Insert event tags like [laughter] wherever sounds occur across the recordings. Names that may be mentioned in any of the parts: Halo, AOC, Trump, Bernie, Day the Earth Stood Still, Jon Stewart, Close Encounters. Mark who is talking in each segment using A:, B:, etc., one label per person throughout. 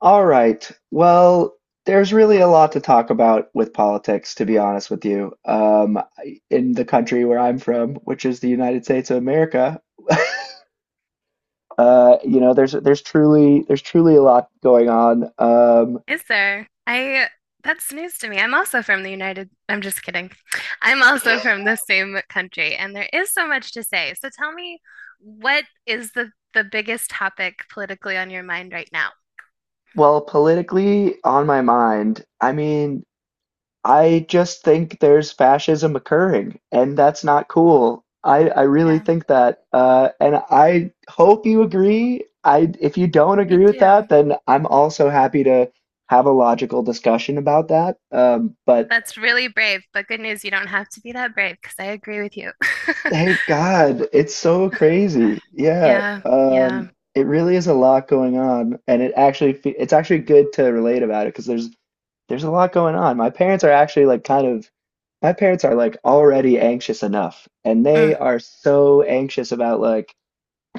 A: All right. Well, there's really a lot to talk about with politics, to be honest with you. In the country where I'm from, which is the United States of America, [laughs] there's truly a lot going on.
B: Is there? I that's news to me. I'm also from the United. I'm just kidding. I'm also from the same country, and there is so much to say. So tell me, what is the biggest topic politically on your mind right now?
A: Well, politically on my mind, I just think there's fascism occurring, and that's not cool. I really
B: Yeah,
A: think that, and I hope you agree. If you don't
B: I
A: agree with
B: do.
A: that, then I'm also happy to have a logical discussion about that. But
B: That's really brave, but good news, you don't have to be that brave because I agree with you. [laughs]
A: thank God. It's so crazy. Yeah.
B: Yeah, yeah.
A: It really is a lot going on, and it actually it's actually good to relate about it because there's a lot going on. My parents are actually my parents are like already anxious enough, and they
B: Mm,
A: are so anxious about like,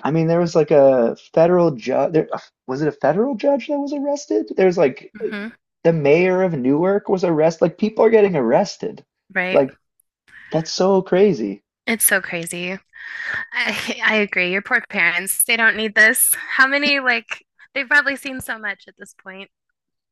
A: I mean, there was like a federal judge there was it a federal judge that was arrested? There's like
B: hmm.
A: the mayor of Newark was arrested. Like, people are getting arrested.
B: Right.
A: Like, that's so crazy.
B: It's so crazy. I [laughs] I agree. Your poor parents, they don't need this. How many like they've probably seen so much at this point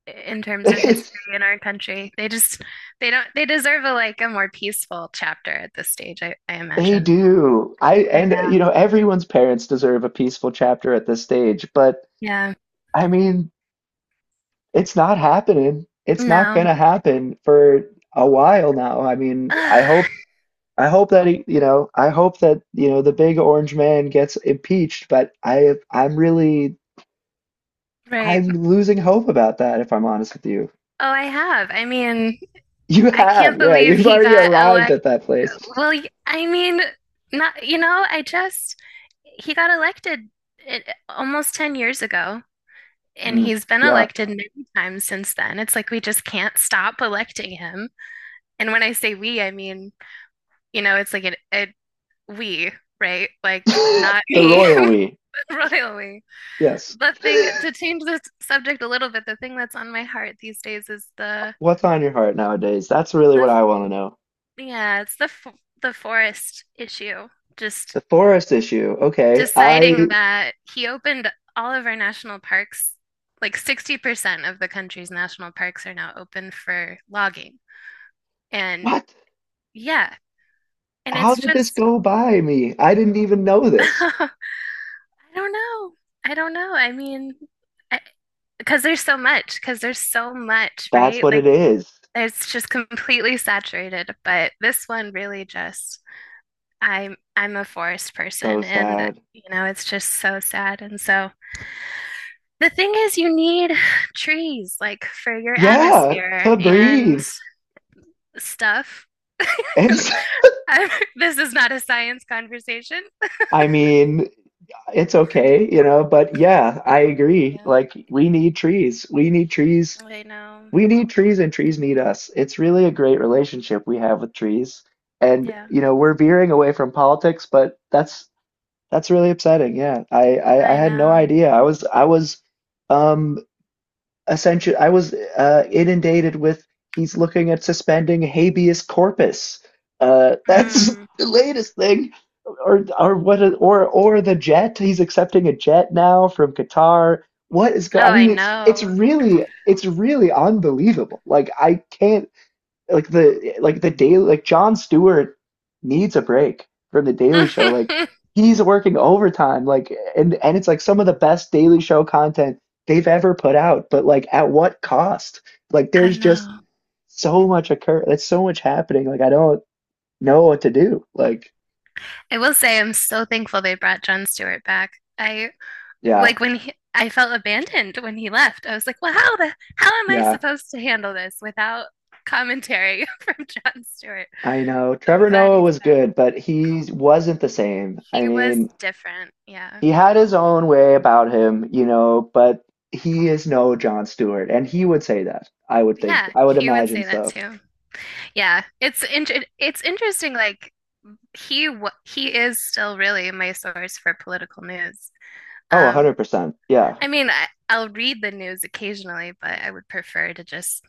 B: in terms of history
A: [laughs]
B: in our country. They just they don't they deserve a like a more peaceful chapter at this stage, I
A: They
B: imagine.
A: do. I And, you
B: Yeah.
A: know, everyone's parents deserve a peaceful chapter at this stage, but,
B: Yeah.
A: I mean, it's not happening. It's not
B: No.
A: gonna happen for a while now.
B: [sighs] Ugh,
A: I hope that I hope that, you know, the big orange man gets impeached, but I'm really
B: right.
A: I'm losing hope about that if I'm honest with you.
B: Oh, I have. I mean,
A: You
B: I can't
A: have, yeah,
B: believe
A: you've
B: he
A: already
B: got
A: arrived
B: elect.
A: at that place.
B: Well, I mean, not, you know, I just he got elected it, almost 10 years ago. And
A: Mm,
B: he's been
A: yeah.
B: elected many times since then. It's like we just can't stop electing him. And when I say we, I mean, you know, it's like a we, right? Like not
A: [laughs] The
B: me,
A: royal we.
B: [laughs] royal we.
A: Yes.
B: The thing to change this subject a little bit, the thing that's on my heart these days is the
A: What's on your heart nowadays? That's really what
B: the
A: I want to know.
B: yeah, it's the forest issue. Just
A: The forest issue. Okay.
B: deciding that he opened all of our national parks, like 60% of the country's national parks are now open for logging. And
A: What?
B: yeah, and
A: How
B: it's
A: did this
B: just
A: go by me? I didn't even know
B: [laughs]
A: this.
B: I don't know. I don't know. I mean, I, because there's so much,
A: That's
B: right?
A: what
B: Like
A: it is.
B: it's just completely saturated, but this one really just I'm a forest
A: It's so
B: person and
A: sad.
B: you know, it's just so sad. And so the thing is you need [sighs] trees like for your
A: Yeah,
B: atmosphere
A: to
B: and
A: breathe.
B: stuff.
A: It's.
B: [laughs]
A: [laughs]
B: I'm- This is not a science conversation.
A: I mean, it's okay, you know, but yeah, I agree.
B: Yeah.
A: Like, we need trees. We need trees.
B: I know.
A: We need trees and trees need us. It's really a great relationship we have with trees. And,
B: Yeah.
A: you know, we're veering away from politics, but that's really upsetting. Yeah, I
B: I
A: had no
B: know.
A: idea. I was um essentially I was inundated with, he's looking at suspending habeas corpus. That's
B: Mm.
A: [laughs] the latest thing, or what? Or the jet. He's accepting a jet now from Qatar. What is
B: Oh,
A: going? I
B: I
A: mean, it's
B: know.
A: it's really unbelievable. Like, I can't, like the, daily, like John Stewart needs a break from the
B: [laughs]
A: Daily Show. Like,
B: I
A: he's working overtime. And it's like some of the best Daily Show content they've ever put out. But like, at what cost? Like, there's just
B: know.
A: so much occur. That's so much happening. Like, I don't know what to do. Like,
B: I will say I'm so thankful they brought Jon Stewart back. I
A: yeah,
B: like when he, I felt abandoned when he left. I was like, well, how am I
A: yeah.
B: supposed to handle this without commentary [laughs] from Jon Stewart?
A: I know
B: So I'm
A: Trevor
B: glad
A: Noah
B: he's
A: was
B: back.
A: good, but he wasn't the same. I
B: He was
A: mean,
B: different. Yeah.
A: he had his own way about him, you know, but he is no Jon Stewart, and he would say that. I would think.
B: Yeah,
A: I would
B: he would
A: imagine
B: say that
A: so.
B: too. Yeah, it's inter it's interesting. Like he is still really my source for political news.
A: Oh,
B: Um,
A: 100%. Yeah.
B: I mean, I'll read the news occasionally, but I would prefer to just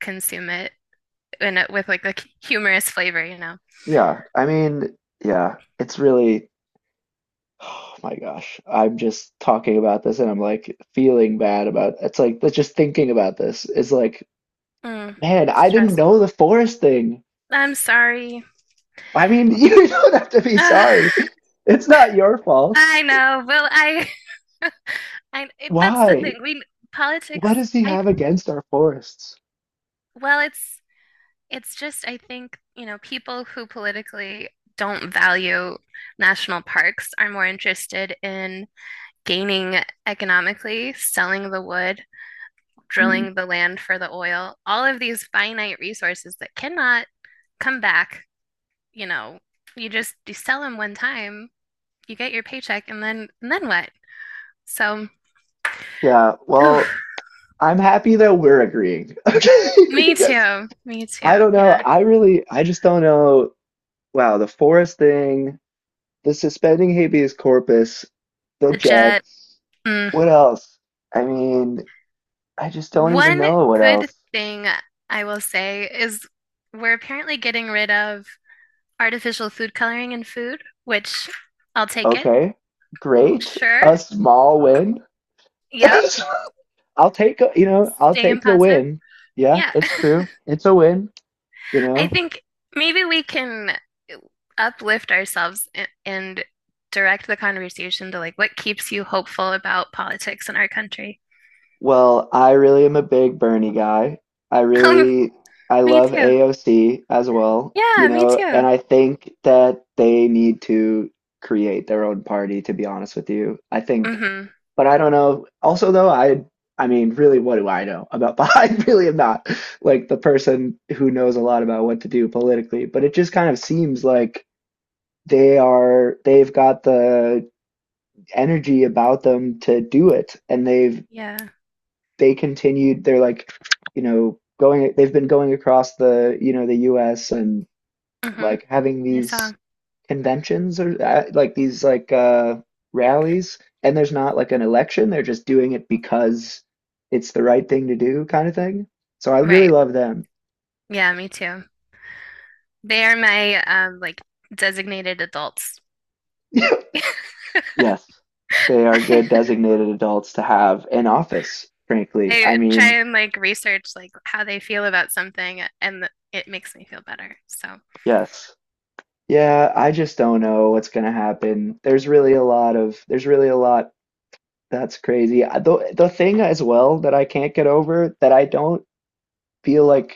B: consume it in with like a humorous flavor, you know.
A: Yeah. It's really, oh my gosh. I'm just talking about this and I'm like feeling bad about, it's like, that's just thinking about this is like,
B: Mm,
A: man, I didn't know
B: stressful.
A: the forest thing.
B: I'm sorry.
A: I mean, [laughs] you don't have to be
B: [sighs] Ugh,
A: sorry. It's not your fault.
B: I know. Well, I that's the
A: Why?
B: thing. We
A: What
B: politics.
A: does he
B: I
A: have against our forests?
B: well, it's just I think you know people who politically don't value national parks are more interested in gaining economically, selling the wood,
A: Hmm.
B: drilling the land for the oil, all of these finite resources that cannot come back, you know, you sell them one time, you get your paycheck, and then what? So,
A: Yeah,
B: oof,
A: well, I'm happy that we're agreeing. [laughs] Okay,
B: me
A: because
B: too, me
A: I
B: too.
A: don't know.
B: Yeah,
A: I really, I just don't know. Wow, the Forrest thing, the suspending habeas corpus, the
B: the jet.
A: Jets.
B: Mm.
A: What else? I mean, I just don't even know
B: One
A: what
B: good
A: else.
B: thing I will say is we're apparently getting rid of artificial food coloring in food, which I'll take it.
A: Okay, great.
B: Sure.
A: A small win.
B: Yep.
A: [laughs] I'll take, you know, I'll
B: Staying
A: take the
B: positive.
A: win. Yeah,
B: Yeah. [laughs]
A: it's true. It's a win, you
B: I
A: know.
B: think maybe we can uplift ourselves and direct the conversation to like what keeps you hopeful about politics in our country.
A: Well, I really am a big Bernie guy. I
B: [laughs] Um,
A: really I
B: me
A: love
B: too.
A: AOC as well, you
B: Yeah, me
A: know, and
B: too.
A: I think that they need to create their own party, to be honest with you. I think,
B: Mm-hmm.
A: but I don't know. Also though, I mean, really, what do I know about [laughs] I really am not like the person who knows a lot about what to do politically, but it just kind of seems like they've got the energy about them to do it, and they've
B: Yeah.
A: they continued they're like you know, going, they've been going across the, you know, the US and like having
B: Mm-hmm. I
A: these
B: saw.
A: conventions or like these like rallies, and there's not like an election, they're just doing it because it's the right thing to do, kind of thing, so I really
B: Right.
A: love them.
B: Yeah, me too. They are my like designated adults.
A: [laughs]
B: [laughs] I
A: Yes, they are good designated adults to have in office, frankly. I
B: try
A: mean,
B: and like research like how they feel about something and it makes me feel better. So,
A: yes, yeah, I just don't know what's going to happen. There's really a lot That's crazy. The thing as well that I can't get over, that I don't feel like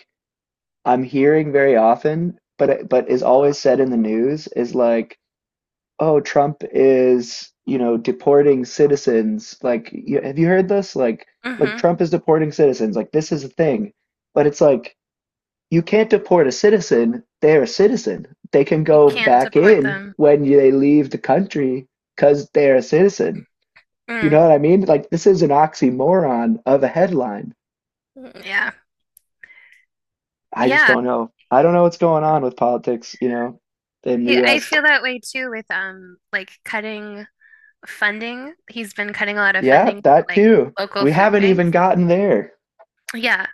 A: I'm hearing very often, but it- but is always said in the news, is like, oh, Trump is, you know, deporting citizens. Like, have you heard this? Like,
B: hmm.
A: Trump is deporting citizens. Like, this is a thing. But it's like, you can't deport a citizen. They're a citizen. They can
B: You
A: go
B: can't
A: back
B: deport
A: in
B: them.
A: when they leave the country because they're a citizen. You
B: Mm.
A: know what I mean? Like, this is an oxymoron of a headline.
B: Yeah.
A: I just
B: Yeah,
A: don't know. I don't know what's going on with politics, you know, in the
B: I
A: US.
B: feel that way too with like cutting funding. He's been cutting a lot of
A: Yeah,
B: funding to
A: that
B: like
A: too.
B: local
A: We
B: food
A: haven't even
B: banks.
A: gotten there.
B: Yeah.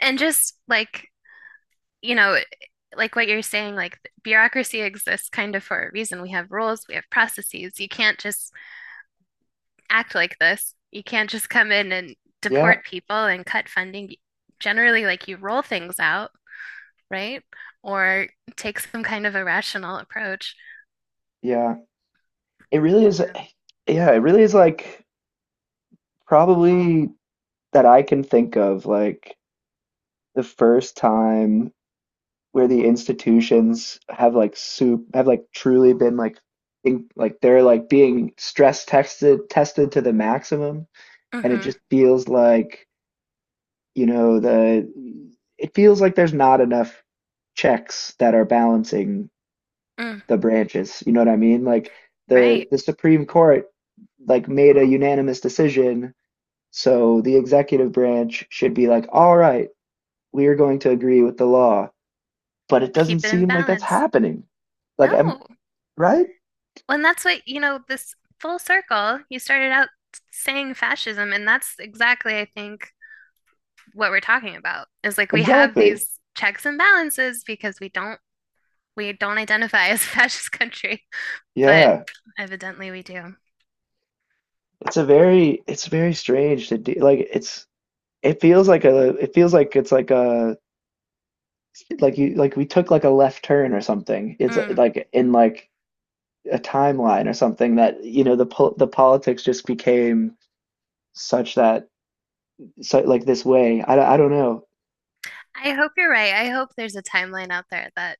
B: And just like, you know, like what you're saying, like bureaucracy exists kind of for a reason. We have rules, we have processes. You can't just act like this. You can't just come in and deport
A: Yeah,
B: people and cut funding. Generally, like you roll things out, right? Or take some kind of a rational approach.
A: yeah. It really is,
B: Yeah.
A: yeah, it really is like probably, that I can think of, like the first time where the institutions have like soup have like truly been like in, like they're like being stress tested tested to the maximum. And it
B: Mm-hmm.
A: just feels like, you know, the it feels like there's not enough checks that are balancing
B: Mm,
A: the branches. You know what I mean? Like, the
B: right.
A: the Supreme Court like made a unanimous decision, so the executive branch should be like, all right, we are going to agree with the law, but it doesn't
B: Keep it in
A: seem like that's
B: balance.
A: happening.
B: No.
A: Like, I'm
B: Well,
A: right?
B: and that's what, you know, this full circle, you started out saying fascism, and that's exactly, I think, what we're talking about is like we have
A: Exactly.
B: these checks and balances because we don't identify [laughs] as a fascist country, but
A: Yeah.
B: evidently we do.
A: It's a very, it's very strange to do. Like, it's, it feels like a, it feels like it's like a, [laughs] like you, like we took like a left turn or something. It's
B: Mm.
A: like in like a timeline or something, that, you know, the the politics just became such that, so like this way. I don't know.
B: I hope you're right. I hope there's a timeline out there that,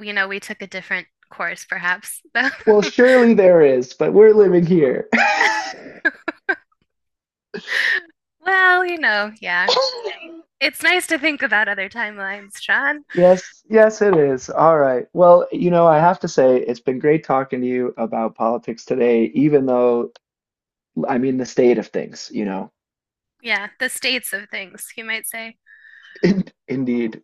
B: you know, we took a different course, perhaps.
A: Well,
B: [laughs]
A: surely there is, but we're living here. [laughs]
B: Well, you know, yeah. It's nice to think about other timelines, Sean.
A: Yes, yes, it is. All right. Well, you know, I have to say it's been great talking to you about politics today, even though, I mean, the state of things, you know.
B: Yeah, the states of things, you might say.
A: [laughs] Indeed.